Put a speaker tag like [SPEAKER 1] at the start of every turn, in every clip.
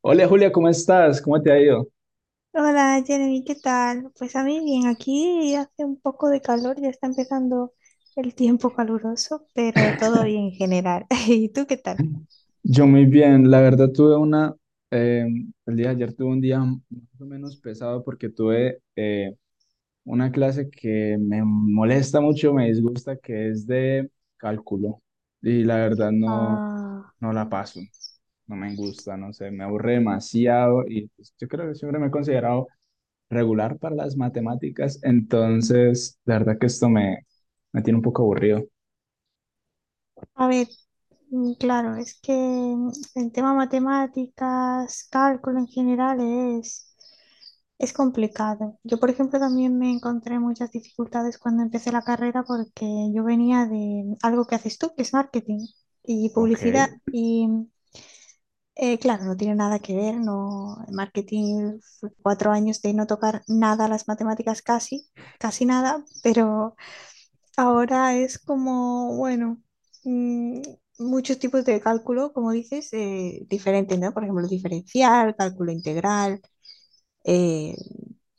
[SPEAKER 1] Hola Julia, ¿cómo estás? ¿Cómo te ha ido?
[SPEAKER 2] Hola Jeremy, ¿qué tal? Pues a mí bien, aquí hace un poco de calor, ya está empezando el tiempo caluroso, pero todo bien en general. ¿Y tú qué tal?
[SPEAKER 1] Yo muy bien, la verdad tuve eh, el día de ayer tuve un día más o menos pesado porque tuve una clase que me molesta mucho, me disgusta, que es de cálculo y la verdad
[SPEAKER 2] Ah.
[SPEAKER 1] no la paso, no me gusta, no sé, me aburre demasiado y pues, yo creo que siempre me he considerado regular para las matemáticas, entonces la verdad que esto me tiene un poco aburrido.
[SPEAKER 2] A ver, claro, es que el tema matemáticas, cálculo en general es, es complicado. Yo, por ejemplo, también me encontré muchas dificultades cuando empecé la carrera porque yo venía de algo que haces tú, que es marketing y
[SPEAKER 1] Ok.
[SPEAKER 2] publicidad, y claro, no tiene nada que ver, no, en marketing fue cuatro años de no tocar nada las matemáticas casi, casi nada, pero ahora es como, bueno, mm, muchos tipos de cálculo, como dices, diferentes, ¿no? Por ejemplo, diferencial, cálculo integral, eh,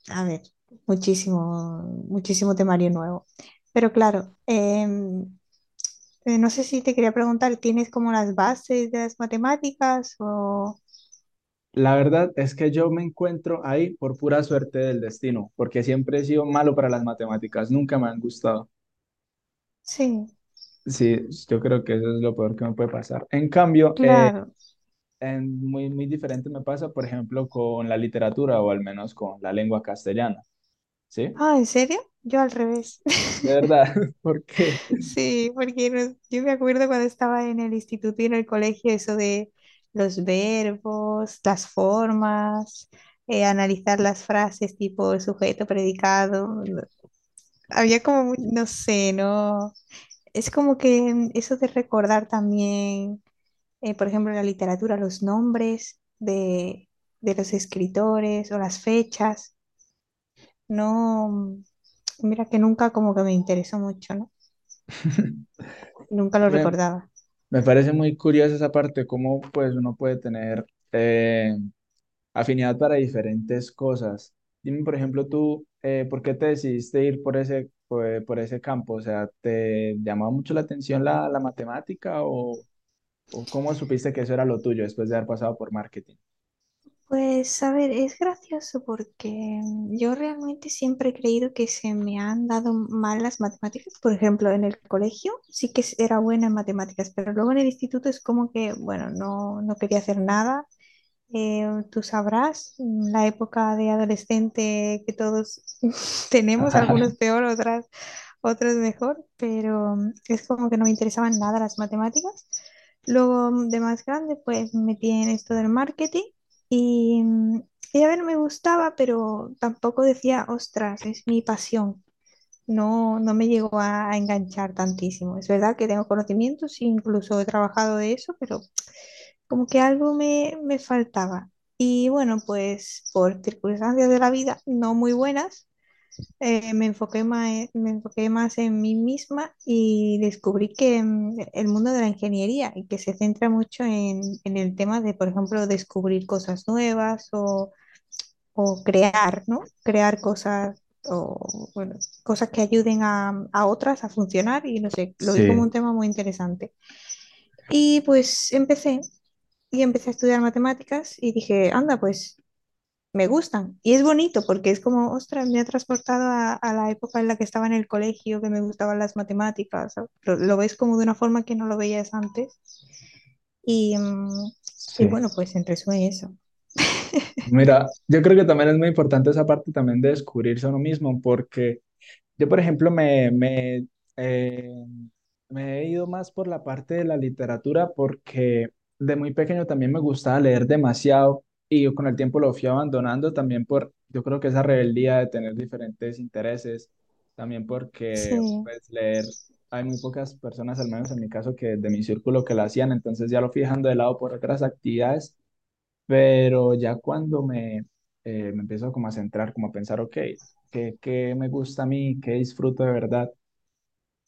[SPEAKER 2] a ver, muchísimo, muchísimo temario nuevo. Pero claro, no sé si te quería preguntar, ¿tienes como las bases de las matemáticas o...?
[SPEAKER 1] La verdad es que yo me encuentro ahí por pura suerte del destino, porque siempre he sido malo para las matemáticas, nunca me han gustado.
[SPEAKER 2] Sí.
[SPEAKER 1] Sí, yo creo que eso es lo peor que me puede pasar. En cambio, eh,
[SPEAKER 2] Claro.
[SPEAKER 1] en muy, muy diferente me pasa, por ejemplo, con la literatura o al menos con la lengua castellana, ¿sí?
[SPEAKER 2] Ah, ¿en serio? Yo al revés.
[SPEAKER 1] De verdad, porque
[SPEAKER 2] Sí, porque yo me acuerdo cuando estaba en el instituto y en el colegio, eso de los verbos, las formas, analizar las frases tipo sujeto, predicado. Había como, no sé, ¿no? Es como que eso de recordar también, por ejemplo, en la literatura, los nombres de los escritores o las fechas, ¿no? Mira que nunca como que me interesó mucho, ¿no? Nunca lo
[SPEAKER 1] me,
[SPEAKER 2] recordaba.
[SPEAKER 1] me parece muy curiosa esa parte, cómo pues uno puede tener... eh, afinidad para diferentes cosas. Dime, por ejemplo, tú, ¿por qué te decidiste ir por por ese campo? O sea, ¿te llamaba mucho la atención la matemática o cómo supiste que eso era lo tuyo después de haber pasado por marketing?
[SPEAKER 2] Pues a ver, es gracioso porque yo realmente siempre he creído que se me han dado mal las matemáticas. Por ejemplo, en el colegio sí que era buena en matemáticas, pero luego en el instituto es como que, bueno, no, no quería hacer nada. Eh, tú sabrás, la época de adolescente que todos tenemos,
[SPEAKER 1] Ajá,
[SPEAKER 2] algunos peor, otras, otros mejor, pero es como que no me interesaban nada las matemáticas. Luego de más grande, pues me metí en esto del marketing y, y, a ver, me gustaba, pero tampoco decía, ostras, es mi pasión. No, no me llegó a enganchar tantísimo. Es verdad que tengo conocimientos, incluso he trabajado de eso, pero como que algo me faltaba. Y bueno, pues por circunstancias de la vida no muy buenas, me enfoqué más en mí misma y descubrí que el mundo de la ingeniería y que se centra mucho en el tema de, por ejemplo, descubrir cosas nuevas o crear, ¿no? Crear cosas o, bueno, cosas que ayuden a, a otras a funcionar y no sé, lo vi como un
[SPEAKER 1] sí,
[SPEAKER 2] tema muy interesante. Y pues empecé a estudiar matemáticas y dije, anda, pues me gustan. Y es bonito porque es como, ostras, me ha transportado a la época en la que estaba en el colegio, que me gustaban las matemáticas. ¿Sabes? Lo ves como de una forma que no lo veías antes. Y, y
[SPEAKER 1] sí.
[SPEAKER 2] bueno, pues en resumen eso.
[SPEAKER 1] Mira, yo creo que también es muy importante esa parte también de descubrirse a uno mismo, porque yo, por ejemplo, eh, me he ido más por la parte de la literatura porque de muy pequeño también me gustaba leer demasiado y yo con el tiempo lo fui abandonando también por, yo creo que esa rebeldía de tener diferentes intereses, también porque
[SPEAKER 2] Sí,
[SPEAKER 1] pues leer, hay muy pocas personas, al menos en mi caso, que de mi círculo que lo hacían, entonces ya lo fui dejando de lado por otras actividades, pero ya cuando me empiezo como a centrar, como a pensar, ok, ¿qué, qué me gusta a mí? ¿Qué disfruto de verdad?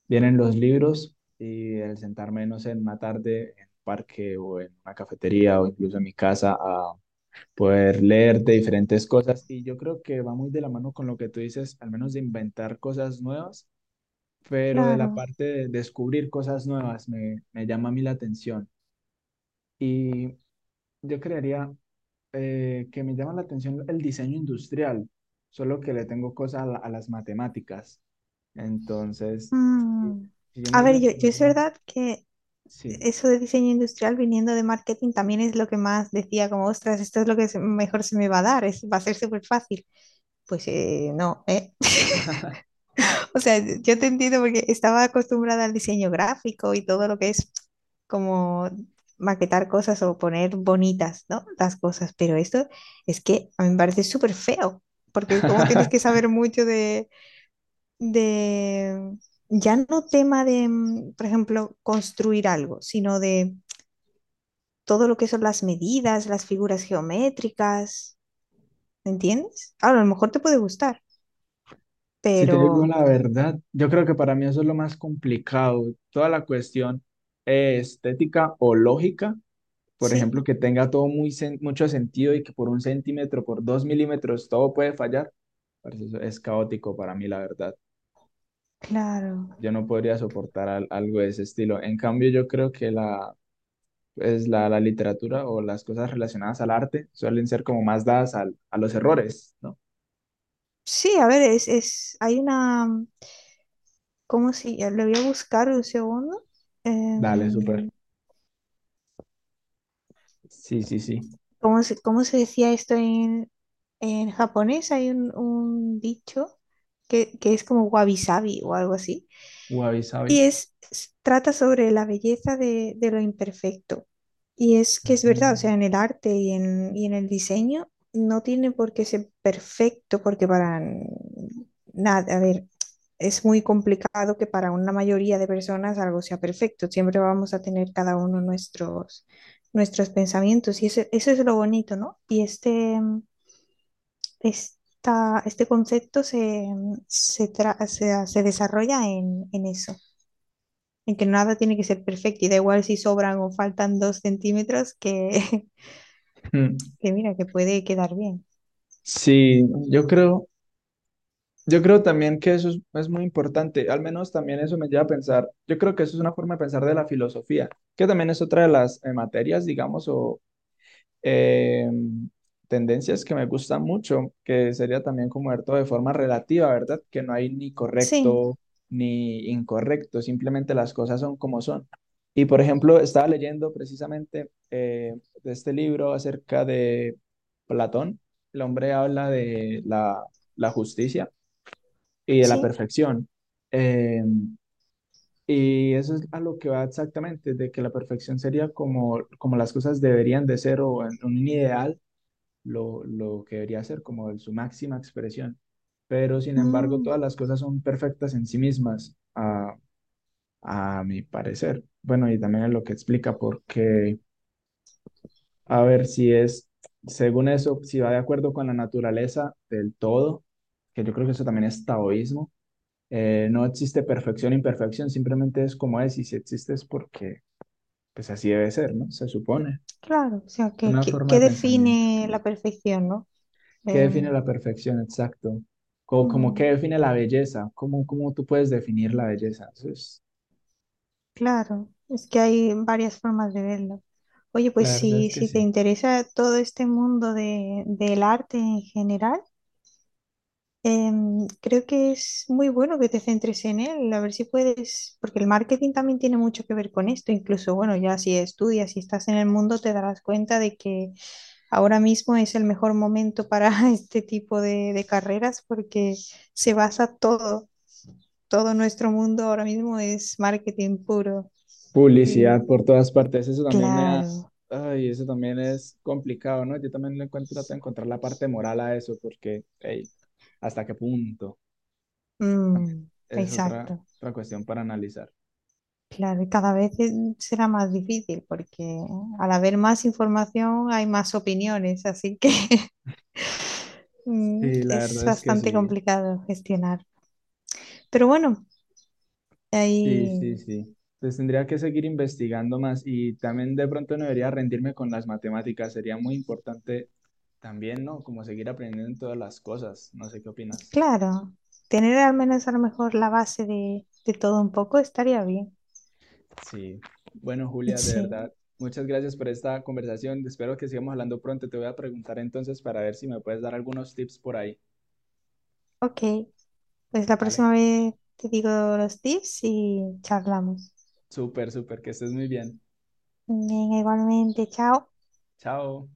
[SPEAKER 1] Vienen los libros y el sentarme, no sé, en una tarde en un parque o en una cafetería o incluso en mi casa a poder leer de diferentes cosas. Y yo creo que va muy de la mano con lo que tú dices, al menos de inventar cosas nuevas, pero de la
[SPEAKER 2] claro.
[SPEAKER 1] parte de descubrir cosas nuevas me llama a mí la atención. Y yo crearía... que me llama la atención el diseño industrial, solo que le tengo cosas a, a las matemáticas. Entonces, si
[SPEAKER 2] Mm.
[SPEAKER 1] si yo
[SPEAKER 2] A
[SPEAKER 1] me
[SPEAKER 2] ver,
[SPEAKER 1] iría por
[SPEAKER 2] yo es
[SPEAKER 1] alguna parte,
[SPEAKER 2] verdad que
[SPEAKER 1] sí.
[SPEAKER 2] eso de diseño industrial viniendo de marketing también es lo que más decía, como, ostras, esto es lo que mejor se me va a dar, es, va a ser súper fácil. Pues no, ¿eh? O sea, yo te entiendo porque estaba acostumbrada al diseño gráfico y todo lo que es como maquetar cosas o poner bonitas, ¿no? Las cosas, pero esto es que a mí me parece súper feo, porque es como tienes que saber mucho de, ya no tema de, por ejemplo, construir algo, sino de todo lo que son las medidas, las figuras geométricas, ¿me entiendes? Ahora, a lo mejor te puede gustar,
[SPEAKER 1] Si te digo
[SPEAKER 2] pero
[SPEAKER 1] la verdad, yo creo que para mí eso es lo más complicado. Toda la cuestión estética o lógica, por
[SPEAKER 2] sí,
[SPEAKER 1] ejemplo, que tenga todo mucho sentido y que por un centímetro, por dos milímetros, todo puede fallar. Parce, eso es caótico para mí, la verdad.
[SPEAKER 2] claro.
[SPEAKER 1] Yo no podría soportar algo de ese estilo. En cambio, yo creo que pues la literatura o las cosas relacionadas al arte suelen ser como más dadas a los errores, ¿no?
[SPEAKER 2] Sí, a ver, es, hay una, ¿cómo si, lo voy a buscar un segundo.
[SPEAKER 1] Dale, súper.
[SPEAKER 2] Em,
[SPEAKER 1] Sí, sí, sí.
[SPEAKER 2] ¿cómo se decía esto en japonés? Hay un dicho que es como wabi-sabi o algo así.
[SPEAKER 1] Wabi sabi.
[SPEAKER 2] Y es, trata sobre la belleza de lo imperfecto. Y es que es verdad, o
[SPEAKER 1] Ujú.
[SPEAKER 2] sea, en el arte y en el diseño no tiene por qué ser perfecto, porque para nada, a ver, es muy complicado que para una mayoría de personas algo sea perfecto. Siempre vamos a tener cada uno nuestros, nuestros pensamientos. Y eso es lo bonito, ¿no? Y este concepto se desarrolla en eso en que nada tiene que ser perfecto y da igual si sobran o faltan dos centímetros que,
[SPEAKER 1] Mm.
[SPEAKER 2] que mira, que puede quedar bien.
[SPEAKER 1] Sí, yo creo, yo creo también que es muy importante, al menos también eso me lleva a pensar, yo creo que eso es una forma de pensar de la filosofía, que también es otra de las materias, digamos, o, eh, tendencias que me gustan mucho, que sería también como ver todo de forma relativa, ¿verdad? Que no hay ni
[SPEAKER 2] Sí,
[SPEAKER 1] correcto ni incorrecto, simplemente las cosas son como son. Y por ejemplo, estaba leyendo precisamente de este libro acerca de Platón. El hombre habla de la justicia y de la
[SPEAKER 2] sí,
[SPEAKER 1] perfección. Eh, y eso es a lo que va exactamente, de que la perfección sería como, como las cosas deberían de ser o en un ideal lo que debería ser como su máxima expresión. Pero sin embargo,
[SPEAKER 2] mm,
[SPEAKER 1] todas las cosas son perfectas en sí mismas, a mi parecer. Bueno, y también es lo que explica, porque, a ver, si es, según eso, si va de acuerdo con la naturaleza del todo, que yo creo que eso también es taoísmo, no existe perfección, imperfección, simplemente es como es, y si existe es porque, pues así debe ser, ¿no? Se supone.
[SPEAKER 2] claro, o sea,
[SPEAKER 1] Es una forma
[SPEAKER 2] que
[SPEAKER 1] de pensamiento.
[SPEAKER 2] define la perfección, ¿no?
[SPEAKER 1] ¿Qué
[SPEAKER 2] Eh,
[SPEAKER 1] define la perfección? Exacto. Como, como qué
[SPEAKER 2] mm,
[SPEAKER 1] define la belleza. ¿Cómo, cómo tú puedes definir la belleza? Eso es,
[SPEAKER 2] claro, es que hay varias formas de verlo. Oye,
[SPEAKER 1] la
[SPEAKER 2] pues
[SPEAKER 1] verdad
[SPEAKER 2] si,
[SPEAKER 1] es que
[SPEAKER 2] si te
[SPEAKER 1] sí.
[SPEAKER 2] interesa todo este mundo de, del arte en general, creo que es muy bueno que te centres en él, a ver si puedes, porque el marketing también tiene mucho que ver con esto, incluso, bueno, ya si estudias y estás en el mundo, te darás cuenta de que ahora mismo es el mejor momento para este tipo de carreras porque se basa todo nuestro mundo ahora mismo es marketing puro. Y
[SPEAKER 1] Publicidad por todas partes. Eso también me da,
[SPEAKER 2] claro,
[SPEAKER 1] ay, eso también es complicado, ¿no? Yo también le encuentro, trato de encontrar la parte moral a eso, porque, hey, ¿hasta qué punto? También
[SPEAKER 2] mm,
[SPEAKER 1] es otra,
[SPEAKER 2] exacto.
[SPEAKER 1] otra cuestión para analizar.
[SPEAKER 2] Claro, y cada vez será más difícil porque al haber más información hay más opiniones, así que
[SPEAKER 1] Sí, la
[SPEAKER 2] es
[SPEAKER 1] verdad es que
[SPEAKER 2] bastante
[SPEAKER 1] sí.
[SPEAKER 2] complicado gestionar. Pero bueno,
[SPEAKER 1] Sí, sí,
[SPEAKER 2] ahí,
[SPEAKER 1] sí. Pues tendría que seguir investigando más y también de pronto no debería rendirme con las matemáticas. Sería muy importante también, ¿no? Como seguir aprendiendo en todas las cosas. No sé qué opinas.
[SPEAKER 2] claro, tener al menos a lo mejor la base de todo un poco estaría bien.
[SPEAKER 1] Sí. Bueno, Julia, de
[SPEAKER 2] Sí,
[SPEAKER 1] verdad, muchas gracias por esta conversación. Espero que sigamos hablando pronto. Te voy a preguntar entonces para ver si me puedes dar algunos tips por ahí.
[SPEAKER 2] ok, pues la
[SPEAKER 1] Vale.
[SPEAKER 2] próxima vez te digo los tips y charlamos.
[SPEAKER 1] Súper, súper, que estés muy bien.
[SPEAKER 2] Venga, igualmente, chao.
[SPEAKER 1] Chao.